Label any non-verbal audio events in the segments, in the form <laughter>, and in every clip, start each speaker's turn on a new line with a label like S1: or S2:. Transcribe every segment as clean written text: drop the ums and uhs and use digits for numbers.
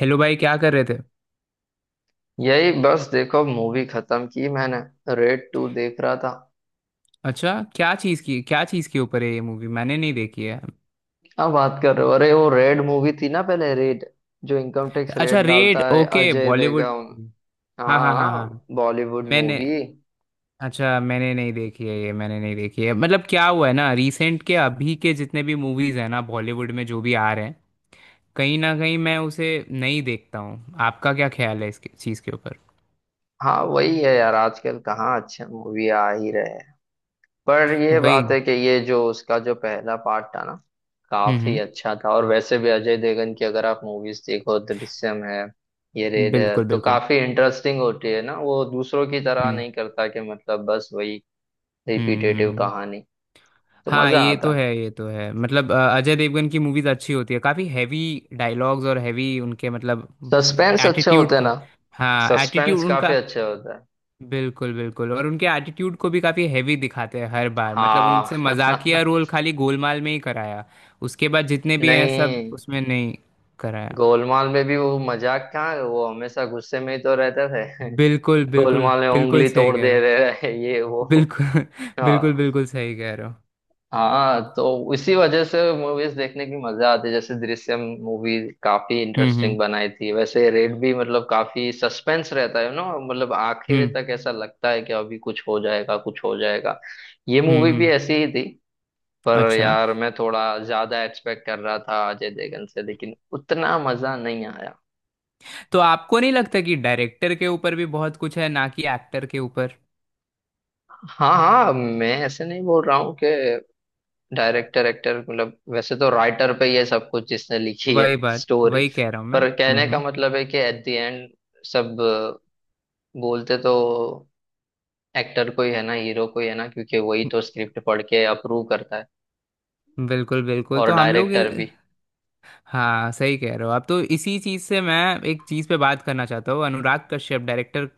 S1: Hello भाई, क्या कर रहे थे?
S2: यही बस देखो मूवी खत्म की मैंने। रेड टू देख रहा था।
S1: अच्छा, क्या चीज़ के ऊपर है ये मूवी? मैंने नहीं देखी है।
S2: अब बात कर रहे हो? अरे वो रेड मूवी थी ना, पहले रेड, जो इनकम टैक्स
S1: अच्छा,
S2: रेड
S1: रेड,
S2: डालता है,
S1: okay,
S2: Ajay
S1: Bollywood
S2: Devgan.
S1: Movie. हाँ, हाँ, हाँ, हाँ।
S2: हाँ, बॉलीवुड
S1: मैंने
S2: मूवी।
S1: अच्छा, मैंने नहीं देखी है, मतलब क्या हुआ है ना, रिसेंट के अभी के जितने भी मूवीज़ हैं ना बॉलीवुड में, जो भी आ रहे हैं, कहीं ना कहीं मैं उसे नहीं देखता हूँ। आपका क्या ख्याल है इस चीज़ के ऊपर?
S2: हाँ वही है यार, आजकल कहाँ अच्छे मूवी आ ही रहे। पर ये
S1: वही।
S2: बात है कि ये जो उसका जो पहला पार्ट था ना,
S1: हम्म,
S2: काफी
S1: हम्म।
S2: अच्छा था। और वैसे भी अजय देवगन की अगर आप मूवीज देखो, दृश्यम है, ये रेड है,
S1: बिल्कुल,
S2: तो
S1: बिल्कुल।
S2: काफी इंटरेस्टिंग होती है ना। वो दूसरों की तरह
S1: हम्म,
S2: नहीं करता कि मतलब बस वही
S1: हम्म, हम्म,
S2: रिपीटेटिव कहानी। तो
S1: हाँ,
S2: मजा
S1: ये तो
S2: आता
S1: है,
S2: है।
S1: ये तो है। मतलब अजय देवगन की मूवीज अच्छी होती है, काफी हैवी डायलॉग्स और हैवी उनके मतलब
S2: सस्पेंस अच्छा
S1: एटीट्यूड
S2: होता है
S1: को।
S2: ना।
S1: हाँ,
S2: सस्पेंस
S1: एटीट्यूड
S2: काफी
S1: उनका।
S2: अच्छा होता है।
S1: बिल्कुल, बिल्कुल। और उनके एटीट्यूड को भी काफी हैवी दिखाते हैं हर बार। मतलब
S2: हाँ।
S1: उनसे मजाकिया
S2: <laughs>
S1: रोल खाली गोलमाल में ही कराया। उसके बाद जितने भी हैं, सब
S2: नहीं,
S1: उसमें नहीं कराया।
S2: गोलमाल में भी वो मजाक कहाँ, वो हमेशा गुस्से में ही तो रहते थे।
S1: बिल्कुल,
S2: <laughs>
S1: बिल्कुल,
S2: गोलमाल में
S1: बिल्कुल
S2: उंगली
S1: सही
S2: तोड़
S1: कह रहे
S2: दे
S1: हो।
S2: रहे हैं, ये वो।
S1: बिल्कुल <laughs> बिल्कुल,
S2: हाँ।
S1: बिल्कुल सही कह रहे हो।
S2: हाँ तो इसी वजह से मूवीज देखने की मजा आती है। जैसे दृश्यम मूवी काफी
S1: हम्म,
S2: इंटरेस्टिंग
S1: हम्म,
S2: बनाई थी। वैसे रेड भी, मतलब काफी सस्पेंस रहता है ना, मतलब आखिर
S1: हम्म,
S2: तक ऐसा लगता है कि अभी कुछ हो जाएगा, कुछ हो जाएगा। ये
S1: हम्म,
S2: मूवी भी
S1: हम्म।
S2: ऐसी ही थी, पर
S1: अच्छा,
S2: यार मैं थोड़ा ज्यादा एक्सपेक्ट कर रहा था अजय देवगन से, लेकिन उतना मजा नहीं आया।
S1: तो आपको नहीं लगता कि डायरेक्टर के ऊपर भी बहुत कुछ है, ना कि एक्टर के ऊपर?
S2: हाँ हाँ, मैं ऐसे नहीं बोल रहा हूँ कि डायरेक्टर, एक्टर, मतलब वैसे तो राइटर पे ये सब कुछ, जिसने लिखी है
S1: वही बात
S2: स्टोरी।
S1: वही कह रहा हूँ मैं।
S2: पर
S1: हम्म,
S2: कहने का मतलब है कि एट द एंड, सब बोलते तो एक्टर को ही है ना, हीरो को ही है ना, क्योंकि वही तो स्क्रिप्ट पढ़ के अप्रूव करता है।
S1: हम्म। बिल्कुल, बिल्कुल।
S2: और डायरेक्टर भी।
S1: हाँ, सही कह रहे हो आप। तो इसी चीज़ से मैं एक चीज़ पे बात करना चाहता हूँ, अनुराग कश्यप डायरेक्टर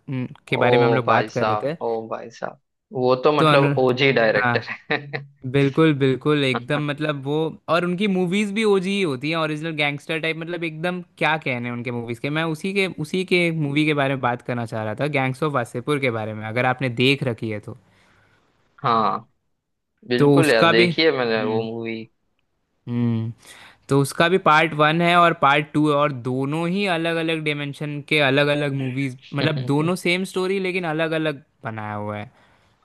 S1: के
S2: ओ
S1: बारे में हम लोग
S2: भाई
S1: बात कर रहे
S2: साहब,
S1: थे।
S2: ओ भाई साहब, वो तो
S1: तो अनु
S2: मतलब ओजी
S1: हाँ,
S2: डायरेक्टर है।
S1: बिल्कुल, बिल्कुल एकदम,
S2: <laughs>
S1: मतलब वो। और उनकी मूवीज भी ओजी ही होती हैं, ओरिजिनल गैंगस्टर टाइप, मतलब एकदम क्या कहने उनके मूवीज के। मैं उसी के मूवी के बारे में बात करना चाह रहा था, गैंग्स ऑफ वासेपुर के बारे में, अगर आपने देख रखी है तो।
S2: हाँ बिल्कुल यार, देखी है मैंने वो
S1: हम्म,
S2: मूवी।
S1: हम्म। तो उसका भी पार्ट 1 है और पार्ट 2 है, और दोनों ही अलग अलग डिमेंशन के अलग अलग मूवीज। मतलब दोनों
S2: <laughs>
S1: सेम स्टोरी, लेकिन अलग अलग बनाया हुआ है।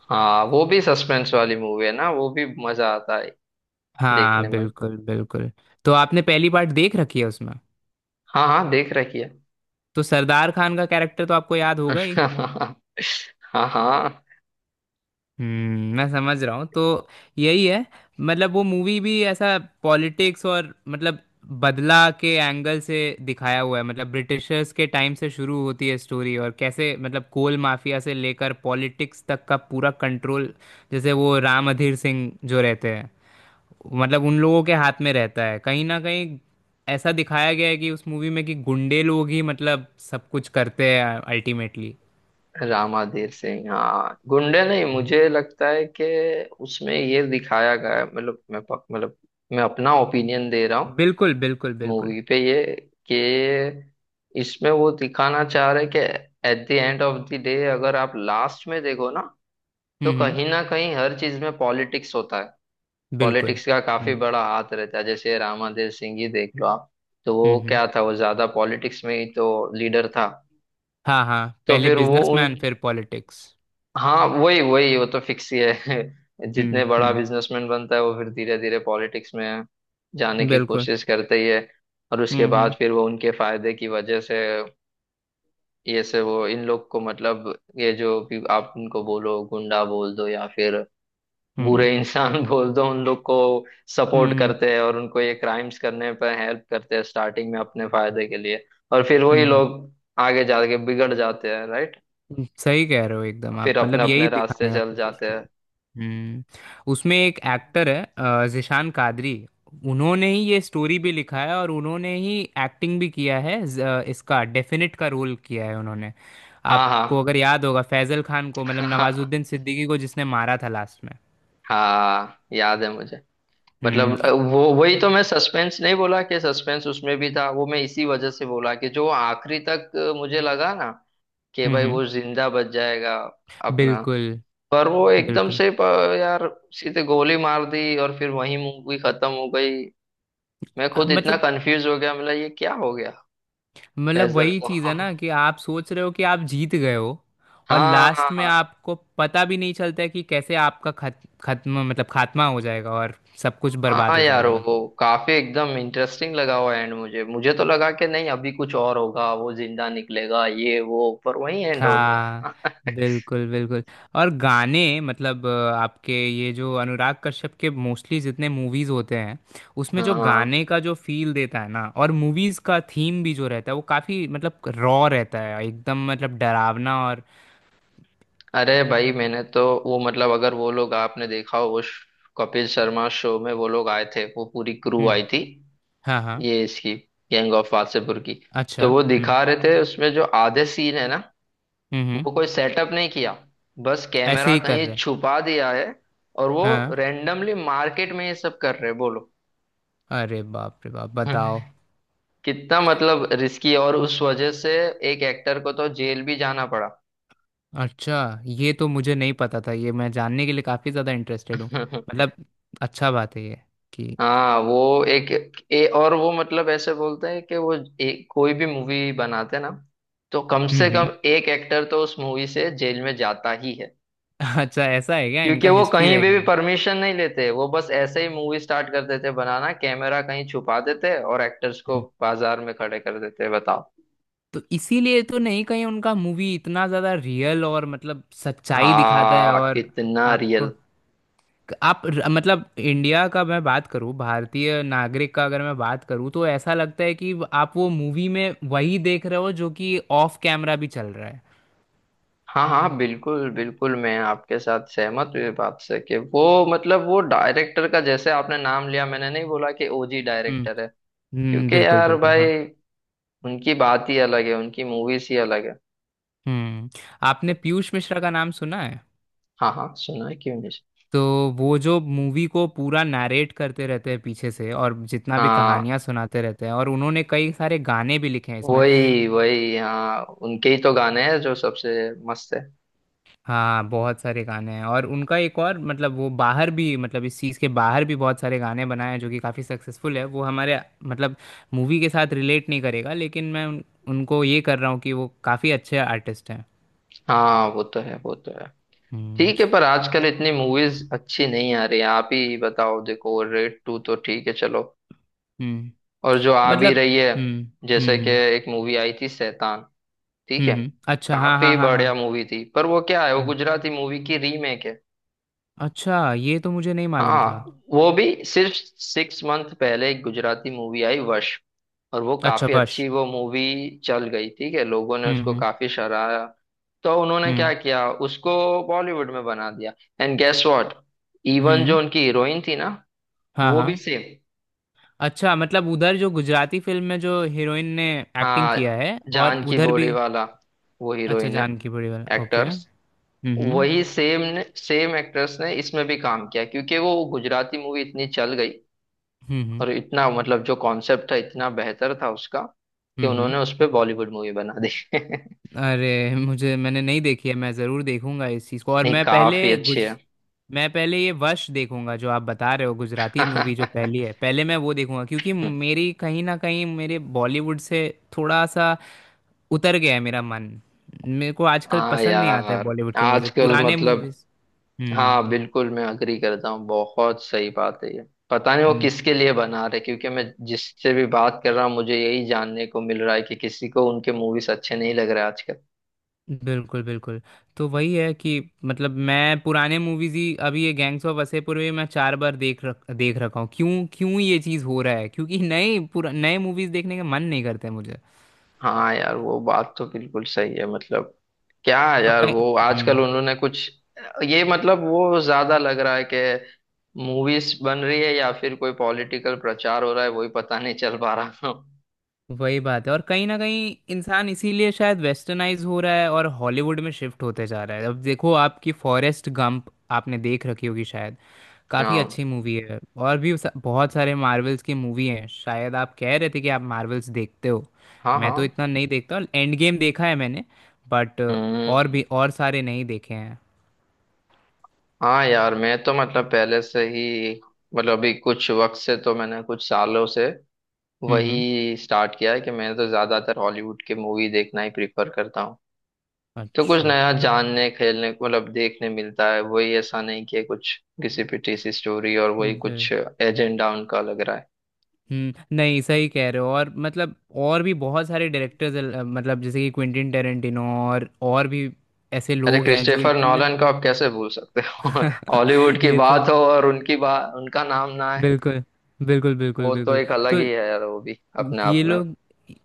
S2: हाँ वो भी सस्पेंस वाली मूवी है ना, वो भी मजा आता है
S1: हाँ,
S2: देखने में।
S1: बिल्कुल, बिल्कुल। तो आपने पहली पार्ट देख रखी है उसमें?
S2: हाँ हाँ, देख रखी है।
S1: तो सरदार खान का कैरेक्टर तो आपको याद होगा ही।
S2: <laughs> हाँ हाँ।
S1: मैं समझ रहा हूँ तो। यही है, मतलब वो मूवी भी ऐसा पॉलिटिक्स और मतलब बदला के एंगल से दिखाया हुआ है। मतलब ब्रिटिशर्स के टाइम से शुरू होती है स्टोरी, और कैसे मतलब कोल माफिया से लेकर पॉलिटिक्स तक का पूरा कंट्रोल, जैसे वो राम अधीर सिंह जो रहते हैं, मतलब उन लोगों के हाथ में रहता है कहीं ना कहीं। ऐसा दिखाया गया है कि उस मूवी में कि गुंडे लोग ही मतलब सब कुछ करते हैं अल्टीमेटली।
S2: रामाधीर सिंह, हाँ गुंडे नहीं, मुझे लगता है कि उसमें ये दिखाया गया है, मतलब मतलब मैं अपना ओपिनियन दे रहा हूँ
S1: बिल्कुल, बिल्कुल, बिल्कुल।
S2: मूवी पे ये, कि इसमें वो दिखाना चाह रहे कि at the end of the day, अगर आप लास्ट में देखो ना, तो
S1: हम्म, हम्म।
S2: कहीं ना कहीं हर चीज में पॉलिटिक्स होता है।
S1: बिल्कुल।
S2: पॉलिटिक्स का काफी
S1: हम्म,
S2: बड़ा हाथ रहता है, जैसे रामादेव सिंह ही देख लो आप। तो
S1: हम्म,
S2: वो
S1: हम्म।
S2: क्या था, वो ज्यादा पॉलिटिक्स में ही तो लीडर था।
S1: हाँ, हाँ,
S2: तो
S1: पहले
S2: फिर वो उन,
S1: बिजनेसमैन फिर पॉलिटिक्स।
S2: हाँ वही वही, वो तो फिक्स ही है। <laughs> जितने
S1: हम्म,
S2: बड़ा
S1: हम्म।
S2: बिजनेसमैन बनता है, वो फिर धीरे धीरे पॉलिटिक्स में जाने की
S1: बिल्कुल।
S2: कोशिश करते ही है। और उसके
S1: हम्म,
S2: बाद
S1: हम्म,
S2: फिर वो उनके फायदे की वजह से, ये से वो इन लोग को, मतलब ये जो भी आप उनको बोलो, गुंडा बोल दो या फिर बुरे
S1: हम्म,
S2: इंसान <laughs> बोल दो, उन लोग को सपोर्ट
S1: हम्म,
S2: करते हैं और उनको ये क्राइम्स करने पर हेल्प करते हैं, स्टार्टिंग में अपने फायदे के लिए। और फिर वही
S1: हम्म,
S2: लोग आगे जाके बिगड़ जाते हैं, राइट।
S1: सही कह रहे हो एकदम
S2: फिर
S1: आप।
S2: अपने
S1: मतलब यही
S2: अपने रास्ते
S1: दिखाने का
S2: चल
S1: कोशिश
S2: जाते
S1: किया।
S2: हैं।
S1: हम्म उसमें एक एक्टर है, जिशान कादरी। उन्होंने ही ये स्टोरी भी लिखा है और उन्होंने ही एक्टिंग भी किया है। इसका डेफिनेट का रोल किया है उन्होंने। आपको
S2: हाँ
S1: अगर याद होगा फैजल खान को, मतलब
S2: हाँ।
S1: नवाजुद्दीन
S2: <laughs>
S1: सिद्दीकी को, जिसने मारा था लास्ट में।
S2: हाँ याद है मुझे।
S1: हम्म,
S2: मतलब वो वही तो, मैं सस्पेंस नहीं बोला कि सस्पेंस उसमें भी था, वो मैं इसी वजह से बोला कि जो आखिरी तक मुझे लगा ना कि
S1: हम्म,
S2: भाई वो जिंदा बच जाएगा अपना।
S1: बिल्कुल,
S2: पर वो एकदम
S1: बिल्कुल।
S2: से यार सीधे गोली मार दी और फिर वही मूवी खत्म हो गई। मैं
S1: अ,
S2: खुद इतना
S1: मतलब
S2: कंफ्यूज हो गया, मतलब ये क्या हो गया
S1: मतलब
S2: फैजल
S1: वही
S2: को।
S1: चीज़ है
S2: <laughs>
S1: ना कि आप सोच रहे हो कि आप जीत गए हो। और
S2: हाँ
S1: लास्ट में
S2: हाँ।
S1: आपको पता भी नहीं चलता है कि कैसे आपका खत खत्म, मतलब खात्मा हो जाएगा, और सब कुछ बर्बाद
S2: हाँ
S1: हो
S2: यार,
S1: जाएगा
S2: वो
S1: मतलब।
S2: काफी एकदम इंटरेस्टिंग लगा हुआ एंड। मुझे, मुझे तो लगा कि नहीं अभी कुछ और होगा, वो जिंदा निकलेगा ये वो, पर वही एंड हो
S1: हाँ,
S2: गया।
S1: बिल्कुल,
S2: <laughs>
S1: बिल्कुल। और गाने, मतलब आपके ये जो अनुराग कश्यप के मोस्टली जितने मूवीज होते हैं, उसमें जो
S2: हाँ।
S1: गाने का जो फील देता है ना, और मूवीज का थीम भी जो रहता है, वो काफी मतलब रॉ रहता है एकदम, मतलब डरावना और।
S2: अरे भाई मैंने तो वो, मतलब अगर वो लोग, आपने देखा हो उस कपिल शर्मा शो में, वो लोग आए थे, वो पूरी क्रू
S1: हम्म।
S2: आई थी,
S1: हाँ, हाँ।
S2: ये इसकी गैंग ऑफ वासेपुर की।
S1: अच्छा।
S2: तो वो
S1: हम्म,
S2: दिखा रहे थे उसमें, जो आधे सीन है ना,
S1: हम्म, हम्म।
S2: वो कोई सेटअप नहीं किया, बस
S1: ऐसे
S2: कैमरा
S1: ही कर
S2: कहीं
S1: रहे हैं।
S2: छुपा दिया है और वो
S1: हाँ,
S2: रेंडमली मार्केट में ये सब कर रहे हैं, बोलो।
S1: अरे बाप रे बाप, बताओ।
S2: <laughs> कितना मतलब रिस्की। और उस वजह से एक एक्टर को तो जेल भी जाना पड़ा।
S1: अच्छा, ये तो मुझे नहीं पता था। ये मैं जानने के लिए काफी ज्यादा इंटरेस्टेड हूँ।
S2: <laughs>
S1: मतलब, अच्छा बात है ये, कि
S2: हाँ वो एक, और वो मतलब ऐसे बोलते हैं कि वो एक, कोई भी मूवी बनाते ना, तो कम
S1: हम्म
S2: से कम
S1: हम्म
S2: एक एक्टर तो उस मूवी से जेल में जाता ही है।
S1: अच्छा, ऐसा है क्या
S2: क्योंकि
S1: इनका
S2: वो
S1: हिस्ट्री
S2: कहीं
S1: रह
S2: भी
S1: गया?
S2: भी परमिशन नहीं लेते, वो बस ऐसे ही मूवी स्टार्ट कर देते बनाना, कैमरा कहीं छुपा देते और एक्टर्स को
S1: हम्म,
S2: बाजार में खड़े कर देते, बताओ।
S1: तो इसीलिए तो नहीं कहीं उनका मूवी इतना ज्यादा रियल और मतलब सच्चाई दिखाता है
S2: हाँ
S1: और,
S2: कितना रियल।
S1: आपको आप, मतलब इंडिया का मैं बात करूं, भारतीय नागरिक का अगर मैं बात करूं, तो ऐसा लगता है कि आप वो मूवी में वही देख रहे हो जो कि ऑफ कैमरा भी चल रहा है।
S2: हाँ हाँ बिल्कुल बिल्कुल, मैं आपके साथ सहमत हुई बात से कि वो मतलब, वो डायरेक्टर का, जैसे आपने नाम लिया, मैंने नहीं बोला कि ओजी
S1: हम्म,
S2: डायरेक्टर है।
S1: हम्म।
S2: क्योंकि
S1: बिल्कुल,
S2: यार
S1: बिल्कुल, हाँ।
S2: भाई, उनकी बात ही अलग है, उनकी मूवीज ही अलग है।
S1: हम्म। आपने पीयूष मिश्रा का नाम सुना है?
S2: हाँ हाँ सुना है, क्यों नहीं।
S1: तो वो जो मूवी को पूरा नरेट करते रहते हैं पीछे से, और जितना भी
S2: हाँ
S1: कहानियां सुनाते रहते हैं, और उन्होंने कई सारे गाने भी लिखे हैं इसमें।
S2: वही वही, हाँ उनके ही तो गाने हैं जो सबसे मस्त है।
S1: हाँ, बहुत सारे गाने हैं, और उनका एक और मतलब वो बाहर भी, मतलब इस चीज़ के बाहर भी बहुत सारे गाने बनाए हैं जो कि काफ़ी सक्सेसफुल है। वो हमारे, मतलब मूवी के साथ रिलेट नहीं करेगा, लेकिन मैं उनको ये कर रहा हूँ कि वो काफ़ी अच्छे आर्टिस्ट हैं।
S2: हाँ वो तो है, वो तो है।
S1: हम्म,
S2: ठीक है, पर आजकल इतनी मूवीज अच्छी नहीं आ रही है। आप ही बताओ, देखो रेड टू तो ठीक है चलो,
S1: हम्म।
S2: और जो आ भी
S1: मतलब।
S2: रही है,
S1: हम्म,
S2: जैसे
S1: हम्म,
S2: कि
S1: हम्म,
S2: एक मूवी आई थी शैतान, ठीक
S1: हम्म,
S2: है,
S1: अच्छा। हाँ, हाँ,
S2: काफी
S1: हाँ,
S2: बढ़िया
S1: हाँ।
S2: मूवी थी, पर वो क्या है, वो
S1: हम्म,
S2: गुजराती मूवी की रीमेक है।
S1: अच्छा, ये तो मुझे नहीं मालूम था।
S2: हाँ, वो भी सिर्फ 6 मंथ पहले एक गुजराती मूवी आई वश, और वो
S1: अच्छा,
S2: काफी
S1: बस।
S2: अच्छी, वो मूवी चल गई, ठीक है, लोगों ने
S1: हम्म,
S2: उसको
S1: हम्म,
S2: काफी सराहा। तो उन्होंने
S1: हम्म,
S2: क्या किया, उसको बॉलीवुड में बना दिया। एंड गेस व्हाट, इवन
S1: हम्म,
S2: जो उनकी हीरोइन थी ना,
S1: हाँ,
S2: वो भी
S1: हाँ।
S2: सेम।
S1: अच्छा, मतलब उधर जो गुजराती फिल्म में जो हीरोइन ने एक्टिंग किया
S2: हाँ,
S1: है, और
S2: जानकी
S1: उधर भी?
S2: बोरीवाला, वो
S1: अच्छा,
S2: हीरोइन है,
S1: जान की बड़ी वाला, ओके।
S2: एक्टर्स,
S1: हम्म, हम्म,
S2: वही सेम ने, सेम एक्टर्स ने इसमें भी काम किया, क्योंकि वो गुजराती मूवी इतनी चल गई
S1: हम्म, हम्म,
S2: और इतना मतलब जो कॉन्सेप्ट था, इतना बेहतर था उसका, कि
S1: हम्म।
S2: उन्होंने उस पे बॉलीवुड मूवी बना दी। <laughs>
S1: अरे, मुझे मैंने नहीं देखी है। मैं ज़रूर देखूंगा इस चीज़ को। और
S2: नहीं काफी अच्छी है।
S1: मैं पहले ये वश देखूंगा, जो आप बता रहे हो गुजराती मूवी जो पहली है,
S2: <laughs>
S1: पहले मैं वो देखूंगा। क्योंकि मेरी कहीं ना कहीं मेरे बॉलीवुड से थोड़ा सा उतर गया है मेरा मन। मेरे को आजकल
S2: हाँ
S1: पसंद नहीं आता है
S2: यार,
S1: बॉलीवुड के मूवीज,
S2: आजकल
S1: पुराने
S2: मतलब,
S1: मूवीज। हम्म,
S2: हाँ बिल्कुल, मैं अग्री करता हूँ, बहुत सही बात है ये। पता नहीं वो
S1: हम्म।
S2: किसके लिए बना रहे, क्योंकि मैं जिससे भी बात कर रहा हूँ, मुझे यही जानने को मिल रहा है कि किसी को उनके मूवीज अच्छे नहीं लग रहे आजकल।
S1: बिल्कुल, बिल्कुल। तो वही है कि, मतलब मैं पुराने मूवीज ही। अभी ये गैंग्स ऑफ वासेपुर भी मैं 4 बार देख रखा हूँ। क्यों, क्यों ये चीज़ हो रहा है? क्योंकि नए मूवीज देखने का मन नहीं करता है मुझे।
S2: हाँ यार, वो बात तो बिल्कुल सही है। मतलब क्या है
S1: और
S2: यार,
S1: कहीं
S2: वो आजकल
S1: हम्म
S2: उन्होंने कुछ, ये मतलब वो ज्यादा लग रहा है कि मूवीज बन रही है या फिर कोई पॉलिटिकल प्रचार हो रहा है, वही पता नहीं चल पा रहा।
S1: वही बात है, और कहीं ना कहीं इंसान इसीलिए शायद वेस्टर्नाइज हो रहा है और हॉलीवुड में शिफ्ट होते जा रहा है। अब देखो आपकी फॉरेस्ट गंप, आपने देख रखी होगी शायद,
S2: <laughs>
S1: काफ़ी
S2: हाँ
S1: अच्छी मूवी है। और भी बहुत सारे मार्वल्स की मूवी हैं, शायद आप कह रहे थे कि आप मार्वल्स देखते हो।
S2: हाँ।
S1: मैं तो
S2: हाँ।
S1: इतना नहीं देखता। एंड गेम देखा है मैंने, बट और
S2: हम्म।
S1: भी सारे नहीं देखे हैं।
S2: हाँ यार मैं तो मतलब पहले से ही, मतलब अभी कुछ वक्त से, तो मैंने कुछ सालों से
S1: हम्म,
S2: वही स्टार्ट किया है कि मैं तो ज्यादातर हॉलीवुड की मूवी देखना ही प्रिफर करता हूँ। तो कुछ
S1: अच्छा।
S2: नया जानने, खेलने को, मतलब देखने मिलता है वही। ऐसा नहीं कि कुछ किसी पिटी सी स्टोरी और वही कुछ एजेंडा उनका लग रहा है।
S1: नहीं, सही कह रहे हो। और मतलब और भी बहुत सारे डायरेक्टर्स, मतलब जैसे कि क्विंटिन टेरेंटिनो, और भी ऐसे
S2: अरे
S1: लोग हैं जो
S2: क्रिस्टोफर
S1: इतने।
S2: नॉलन को आप कैसे भूल सकते हो? <laughs> हॉलीवुड
S1: <laughs>
S2: की
S1: ये तो।
S2: बात हो और उनकी बात, उनका नाम ना है।
S1: बिल्कुल, बिल्कुल, बिल्कुल,
S2: वो तो
S1: बिल्कुल।
S2: एक अलग
S1: तो
S2: ही है यार, वो भी अपने आप
S1: ये
S2: में।
S1: लोग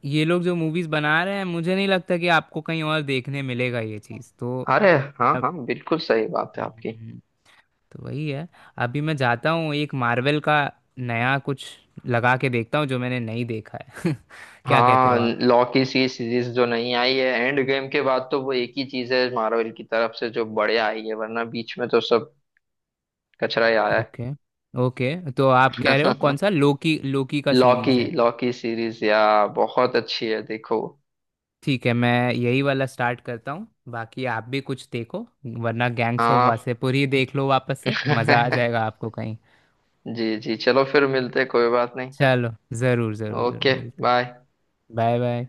S1: ये लोग जो मूवीज बना रहे हैं, मुझे नहीं लगता कि आपको कहीं और देखने मिलेगा ये चीज़ तो।
S2: अरे हाँ
S1: अब,
S2: हाँ, बिल्कुल सही बात है आपकी।
S1: हम्म, तो वही है। अभी मैं जाता हूँ एक मार्वल का नया कुछ लगा के देखता हूँ जो मैंने नहीं देखा है। <laughs> क्या कहते हो
S2: हाँ,
S1: आप?
S2: लॉ की सी सीरीज जो नहीं आई है एंड गेम के बाद, तो वो एक ही चीज है मार्वल की तरफ से जो बढ़िया आई है, वरना बीच में तो सब कचरा ही आया
S1: ओके, ओके, तो आप कह रहे हो कौन
S2: है।
S1: सा? लोकी, लोकी
S2: <laughs>
S1: का
S2: लॉ की,
S1: सीरीज है?
S2: लॉ की सीरीज या, बहुत अच्छी है, देखो।
S1: ठीक है, मैं यही वाला स्टार्ट करता हूँ। बाकी आप भी कुछ देखो, वरना गैंग्स ऑफ
S2: हाँ।
S1: वासेपुर ही देख लो वापस से, मज़ा आ
S2: <laughs>
S1: जाएगा आपको कहीं।
S2: जी जी, चलो फिर मिलते हैं, कोई बात नहीं।
S1: चलो, ज़रूर, ज़रूर, ज़रूर
S2: ओके
S1: मिलते हैं।
S2: बाय।
S1: Bye, bye.